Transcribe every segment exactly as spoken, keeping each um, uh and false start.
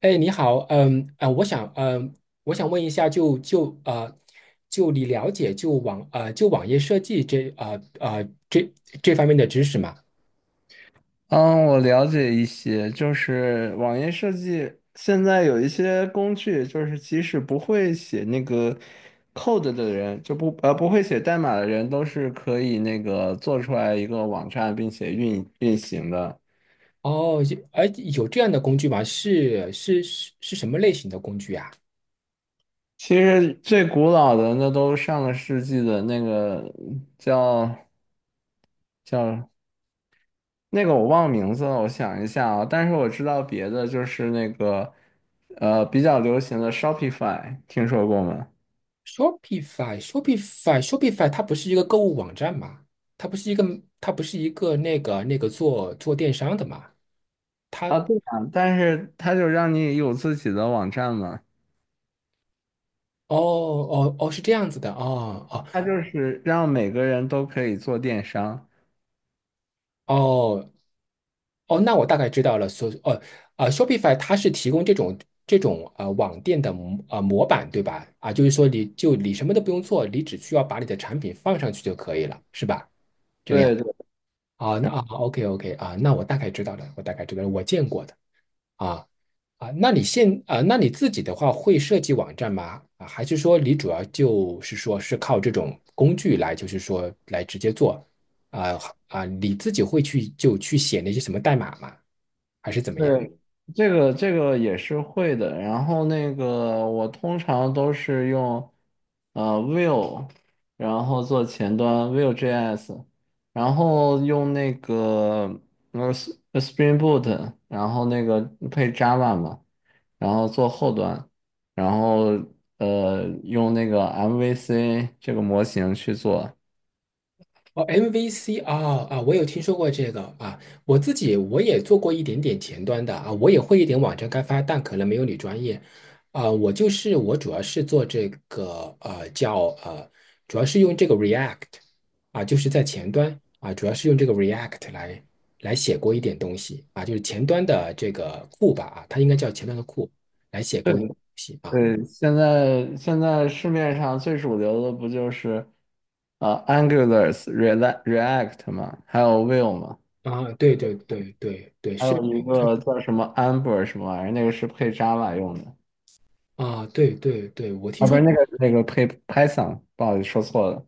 哎，你好，嗯，啊、我想，嗯、我想问一下就，就呃，就你了解就网呃就网页设计这啊啊，这这方面的知识吗？嗯，我了解一些，就是网页设计现在有一些工具，就是即使不会写那个 code 的人，就不呃不会写代码的人，都是可以那个做出来一个网站并且运运行的。哦，有哎，有这样的工具吗？是是是是什么类型的工具啊其实最古老的那都上个世纪的那个叫叫那个我忘名字了，我想一下啊，但是我知道别的就是那个呃比较流行的 Shopify，听说过吗？？Shopify Shopify Shopify 它不是一个购物网站吗？它不是一个它不是一个那个那个做做电商的吗？它啊，对啊，但是它就让你有自己的网站嘛，哦哦哦是这样子的哦哦。它就是让每个人都可以做电商。哦哦，那我大概知道了。所呃呃，Shopify 它是提供这种这种呃网店的模呃模板，对吧？啊，就是说你就你什么都不用做，你只需要把你的产品放上去就可以了，是吧？这个样对对，啊那然啊，OK OK 啊，那我大概知道了，我大概知道了，我见过的。啊啊，那你现啊，那你自己的话会设计网站吗？啊，还是说你主要就是说是靠这种工具来，就是说来直接做。啊啊，你自己会去就去写那些什么代码吗？还是怎么样？对，这个这个也是会的。然后那个我通常都是用呃 Vue，然后做前端 Vue.js，然后用那个呃 S- Spring Boot，然后那个配 Java 嘛。然后做后端，然后呃用那个 M V C 这个模型去做。哦，M V C 啊，啊，我有听说过这个啊，我自己我也做过一点点前端的啊，我也会一点网站开发，但可能没有你专业啊。我就是我主要是做这个呃叫呃，主要是用这个 React 啊，就是在前端啊，主要是用这个 React 来来写过一点东西啊，就是前端的这个库吧啊，它应该叫前端的库，来写对过一些东西啊。对，现在现在市面上最主流的不就是呃 Angular、React、React 嘛，还有 Vue 嘛，啊，对对对对对，还是有一个叫什么 Amber 什么玩意儿，那个是配 Java 用的，啊，对对对，我听啊不说。是那个那个配 Python，不好意思说错了。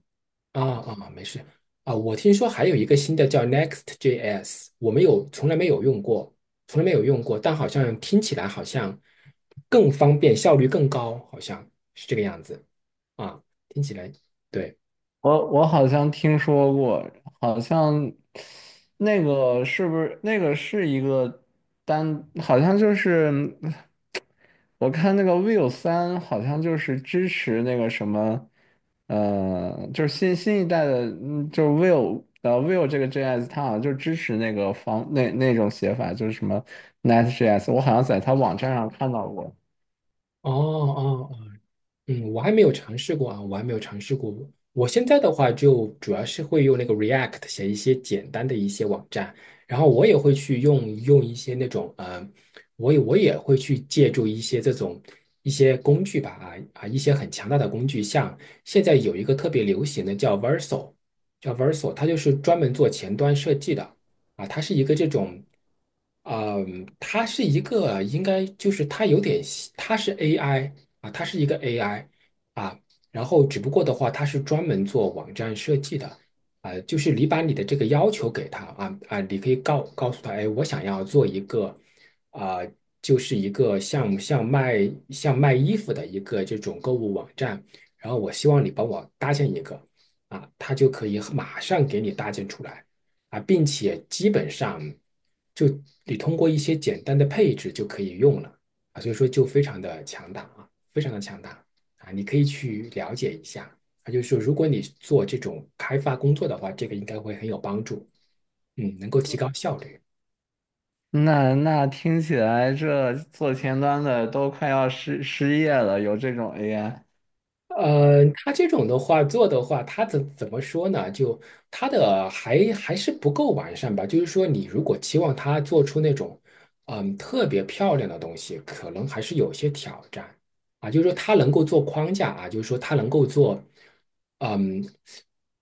啊啊，啊没事啊。我听说还有一个新的叫 Next.js,我没有，从来没有用过，从来没有用过，但好像听起来好像更方便，效率更高，好像是这个样子啊。听起来对，我我好像听说过，好像那个是不是那个是一个单，好像就是我看那个 Vivo 三好像就是支持那个什么，呃，就是新新一代的，嗯就是 Vivo 呃 Vivo 这个 J S 它好像就支持那个方那那种写法，就是什么 NetJS，我好像在它网站上看到过。哦哦哦嗯，我还没有尝试过啊，我还没有尝试过。我现在的话，就主要是会用那个 React 写一些简单的一些网站，然后我也会去用用一些那种呃，我也我也会去借助一些这种一些工具吧啊，啊一些很强大的工具，像现在有一个特别流行的叫 Verso,叫 Verso,它就是专门做前端设计的啊，它是一个这种。嗯，它是一个，应该就是它有点像，它是 A I啊，它是一个 A I 啊，然后只不过的话，它是专门做网站设计的啊，就是你把你的这个要求给他，啊啊，你可以告告诉他，哎，我想要做一个啊，就是一个像像卖像卖衣服的一个这种购物网站，然后我希望你帮我搭建一个啊，他就可以马上给你搭建出来啊，并且基本上，就你通过一些简单的配置就可以用了。啊，所以说就非常的强大啊，非常的强大啊，你可以去了解一下啊，就是说如果你做这种开发工作的话，这个应该会很有帮助，嗯，能够提高效率。那那听起来这做前端的都快要失失业了，有这种 A I，呃，他这种的话做的话，他怎怎么说呢？就他的还还是不够完善吧。就是说，你如果期望他做出那种嗯特别漂亮的东西，可能还是有些挑战啊。就是说，他能够做框架啊，就是说他能够做，嗯，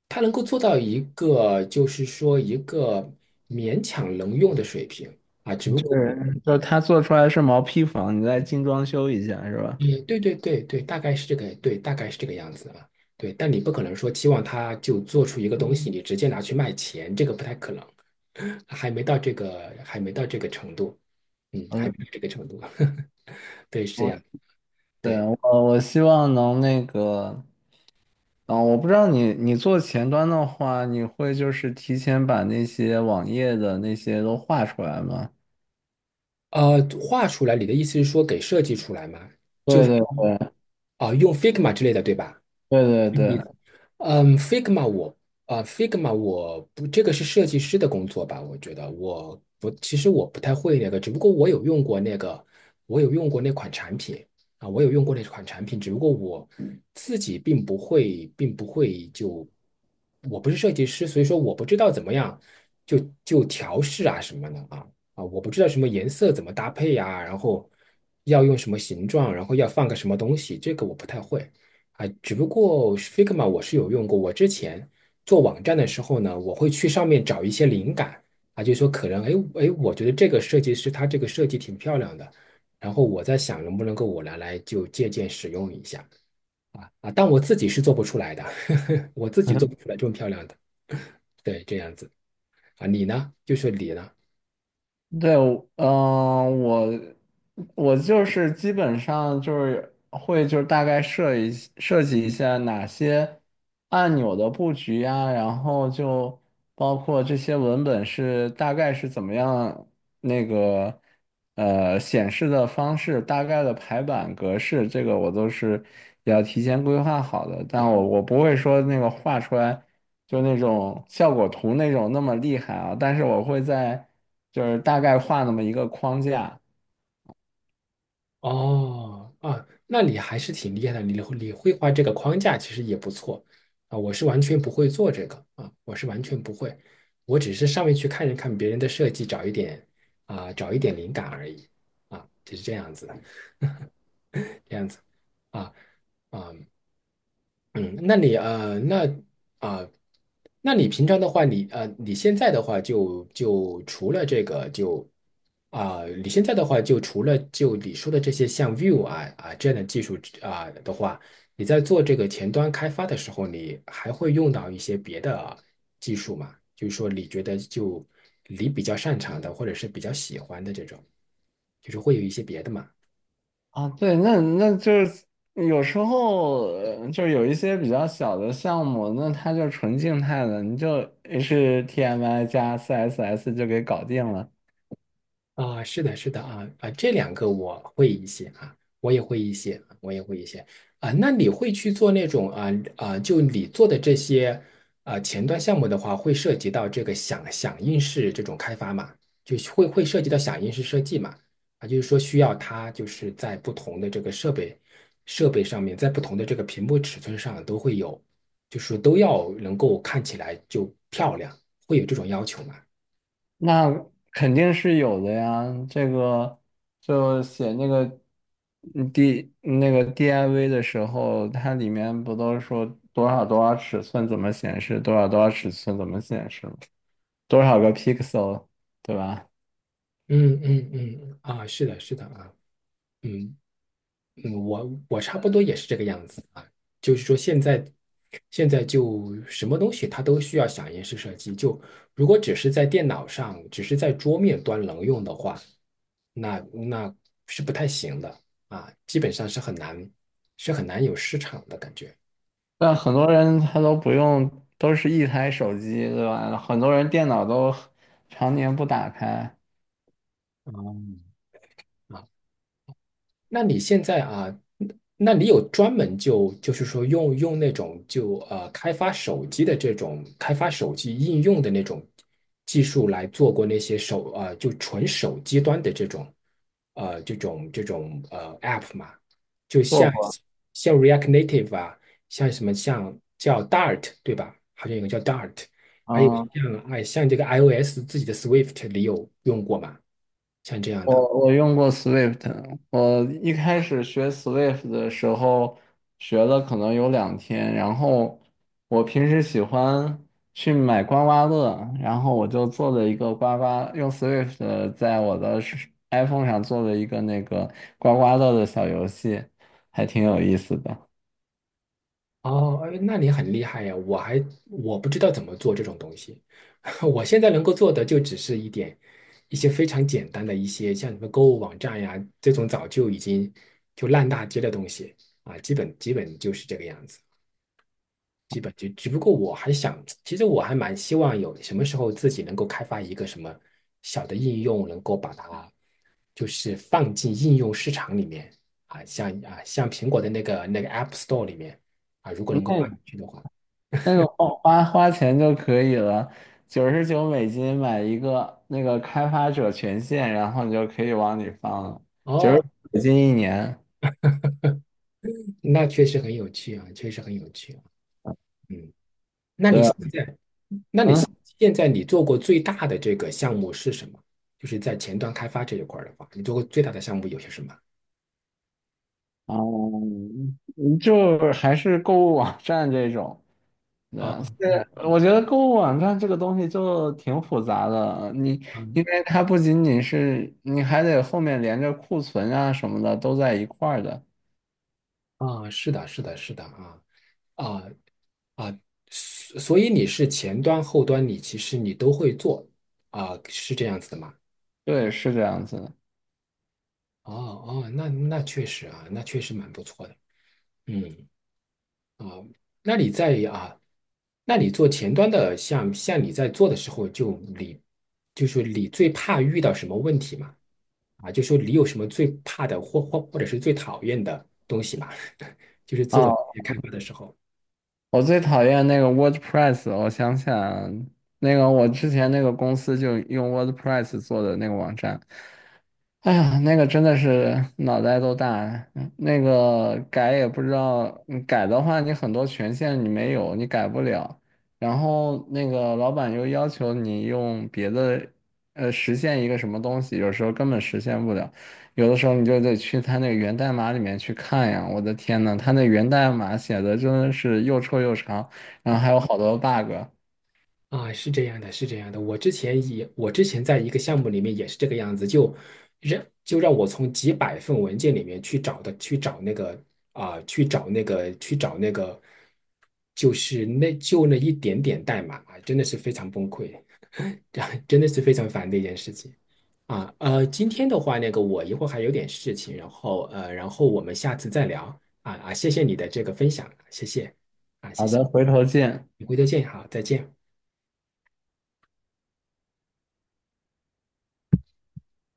他能够做到一个就是说一个勉强能用的水平啊。只不就过。是就他做出来是毛坯房，你再精装修一下是吧？也，对对对对，大概是这个，对，大概是这个样子啊。对，但你不可能说期望他就做出一个东西，你直接拿去卖钱，这个不太可能，还没到这个，还没到这个程度，嗯，还嗯，没到这个程度。对，是这我样。对对，我我希望能那个，嗯，我不知道你你做前端的话，你会就是提前把那些网页的那些都画出来吗？呃，画出来，你的意思是说给设计出来吗？就对是对对啊、用 Figma 之类的，对吧？对对这个意思。对。嗯，Figma 我啊，Figma 我不，这个是设计师的工作吧？我觉得我不，其实我不太会那个，只不过我有用过那个，我有用过那款产品啊，我有用过那款产品，只不过我自己并不会，并不会就，我不是设计师，所以说我不知道怎么样，就就调试啊什么的啊，啊，我不知道什么颜色怎么搭配呀、然后要用什么形状，然后要放个什么东西，这个我不太会啊，只不过 Figma 我是有用过，我之前做网站的时候呢，我会去上面找一些灵感啊，就说可能，哎哎，我觉得这个设计师他这个设计挺漂亮的，然后我在想能不能够我拿来就借鉴使用一下啊，啊，但我自己是做不出来的，我自己做不 出来这么漂亮的，对，这样子啊，你呢？就是你呢？对，我嗯、我我就是基本上就是会就是大概设一设计一下哪些按钮的布局呀，然后就包括这些文本是大概是怎么样那个呃显示的方式，大概的排版格式，这个我都是要提前规划好的，但我我不会说那个画出来。就那种效果图那种那么厉害啊，但是我会在就是大概画那么一个框架哦，啊，那你还是挺厉害的，你会你会画这个框架，其实也不错啊。我是完全不会做这个啊，我是完全不会，我只是上面去看一看别人的设计，找一点啊，找一点灵感而已啊，就是这样子的，这样子啊啊嗯，那你呃，那啊、那你平常的话，你呃，你现在的话就，就除了这个就啊、你现在的话就除了就你说的这些像 Vue 啊啊这样的技术啊、的话，你在做这个前端开发的时候，你还会用到一些别的技术吗？就是说，你觉得就你比较擅长的，或者是比较喜欢的这种，就是会有一些别的吗？啊，对，那那就是有时候呃就有一些比较小的项目，那它就纯静态的，你就 H T M L 加 C S S 就给搞定了。啊，是的，是的啊，啊，这两个我会一些啊，我也会一些，我也会一些啊。那你会去做那种啊啊，就你做的这些啊前端项目的话，会涉及到这个响响应式这种开发嘛？就是会会涉及到响应式设计嘛？啊，就是说需要它就是在不同的这个设备设备上面，在不同的这个屏幕尺寸上都会有，就是都要能够看起来就漂亮，会有这种要求嘛？那肯定是有的呀，这个就写那个嗯 D 那个 D I V 的时候，它里面不都说多少多少尺寸怎么显示，多少多少尺寸怎么显示吗？多少个 pixel，对吧？嗯嗯嗯，嗯啊，是的，是的啊。嗯嗯，我我差不多也是这个样子啊，就是说现在现在就什么东西它都需要响应式设计，就如果只是在电脑上，只是在桌面端能用的话，那那是不太行的啊，基本上是很难，是很难有市场的感觉。但很多人他都不用，都是一台手机，对吧？很多人电脑都常年不打开，那你现在啊，那你有专门就就是说用用那种就呃开发手机的这种开发手机应用的那种技术来做过那些手呃就纯手机端的这种呃这种这种呃 App 嘛？就做像过像 React Native 啊，像什么像叫 Dart 对吧？好像有个叫 Dart,还有嗯。像哎像这个 iOS 自己的 Swift 你有用过吗？像这样的。我我用过 Swift，我一开始学 Swift 的时候学了可能有两天，然后我平时喜欢去买刮刮乐，然后我就做了一个刮刮，用 Swift 在我的手 iPhone 上做了一个那个刮刮乐的小游戏，还挺有意思的。哦，哎那你很厉害呀！我还我不知道怎么做这种东西，我现在能够做的就只是一点一些非常简单的一些像什么购物网站呀这种早就已经就烂大街的东西啊，基本基本就是这个样子，基本就只不过我还想，其实我还蛮希望有什么时候自己能够开发一个什么小的应用，能够把它就是放进应用市场里面啊，像啊像苹果的那个那个 App Store 里面啊，如果能够放那。进去的话。那个花花花钱就可以了，九十九美金买一个那个开发者权限，然后你就可以往里放了，九哦，十美金一年。那确实很有趣啊，确实很有趣啊。嗯，那你对，现在，那你嗯，现现在你做过最大的这个项目是什么？就是在前端开发这一块儿的话，你做过最大的项目有些什么？哦嗯，就还是购物网站这种。对，啊，我我觉得购物网站这个东西就挺复杂的，你啊因为它不仅仅是，你还得后面连着库存啊什么的都在一块儿的。啊，是的，是的，是的啊，啊啊，所所以你是前端后端，你其实你都会做啊，是这样子的吗？对，是这样子的。哦哦，那那确实啊，那确实蛮不错的。嗯啊，那你在啊，那你做前端的，像像你在做的时候，就你就是你最怕遇到什么问题嘛？啊，就说你有什么最怕的或或或者是最讨厌的东西嘛？就是做啊，开发的时候。我最讨厌那个 WordPress，我想想，那个我之前那个公司就用 WordPress 做的那个网站，哎呀，那个真的是脑袋都大了，嗯那个改也不知道，嗯改的话你很多权限你没有，你改不了。然后那个老板又要求你用别的，呃，实现一个什么东西，有时候根本实现不了，有的时候你就得去他那个源代码里面去看呀。我的天呐，他那源代码写的真的是又臭又长，然后还有好多 bug。啊，是这样的，是这样的。我之前也，我之前在一个项目里面也是这个样子，就让就让我从几百份文件里面去找的，去找那个啊、去找那个，去找那个，就是那就那一点点代码啊，真的是非常崩溃，这样真的是非常烦的一件事情啊。呃，今天的话，那个我一会儿还有点事情，然后呃，然后我们下次再聊啊，啊，谢谢你的这个分享，谢谢，好的，回头见。你回头见，好，再见。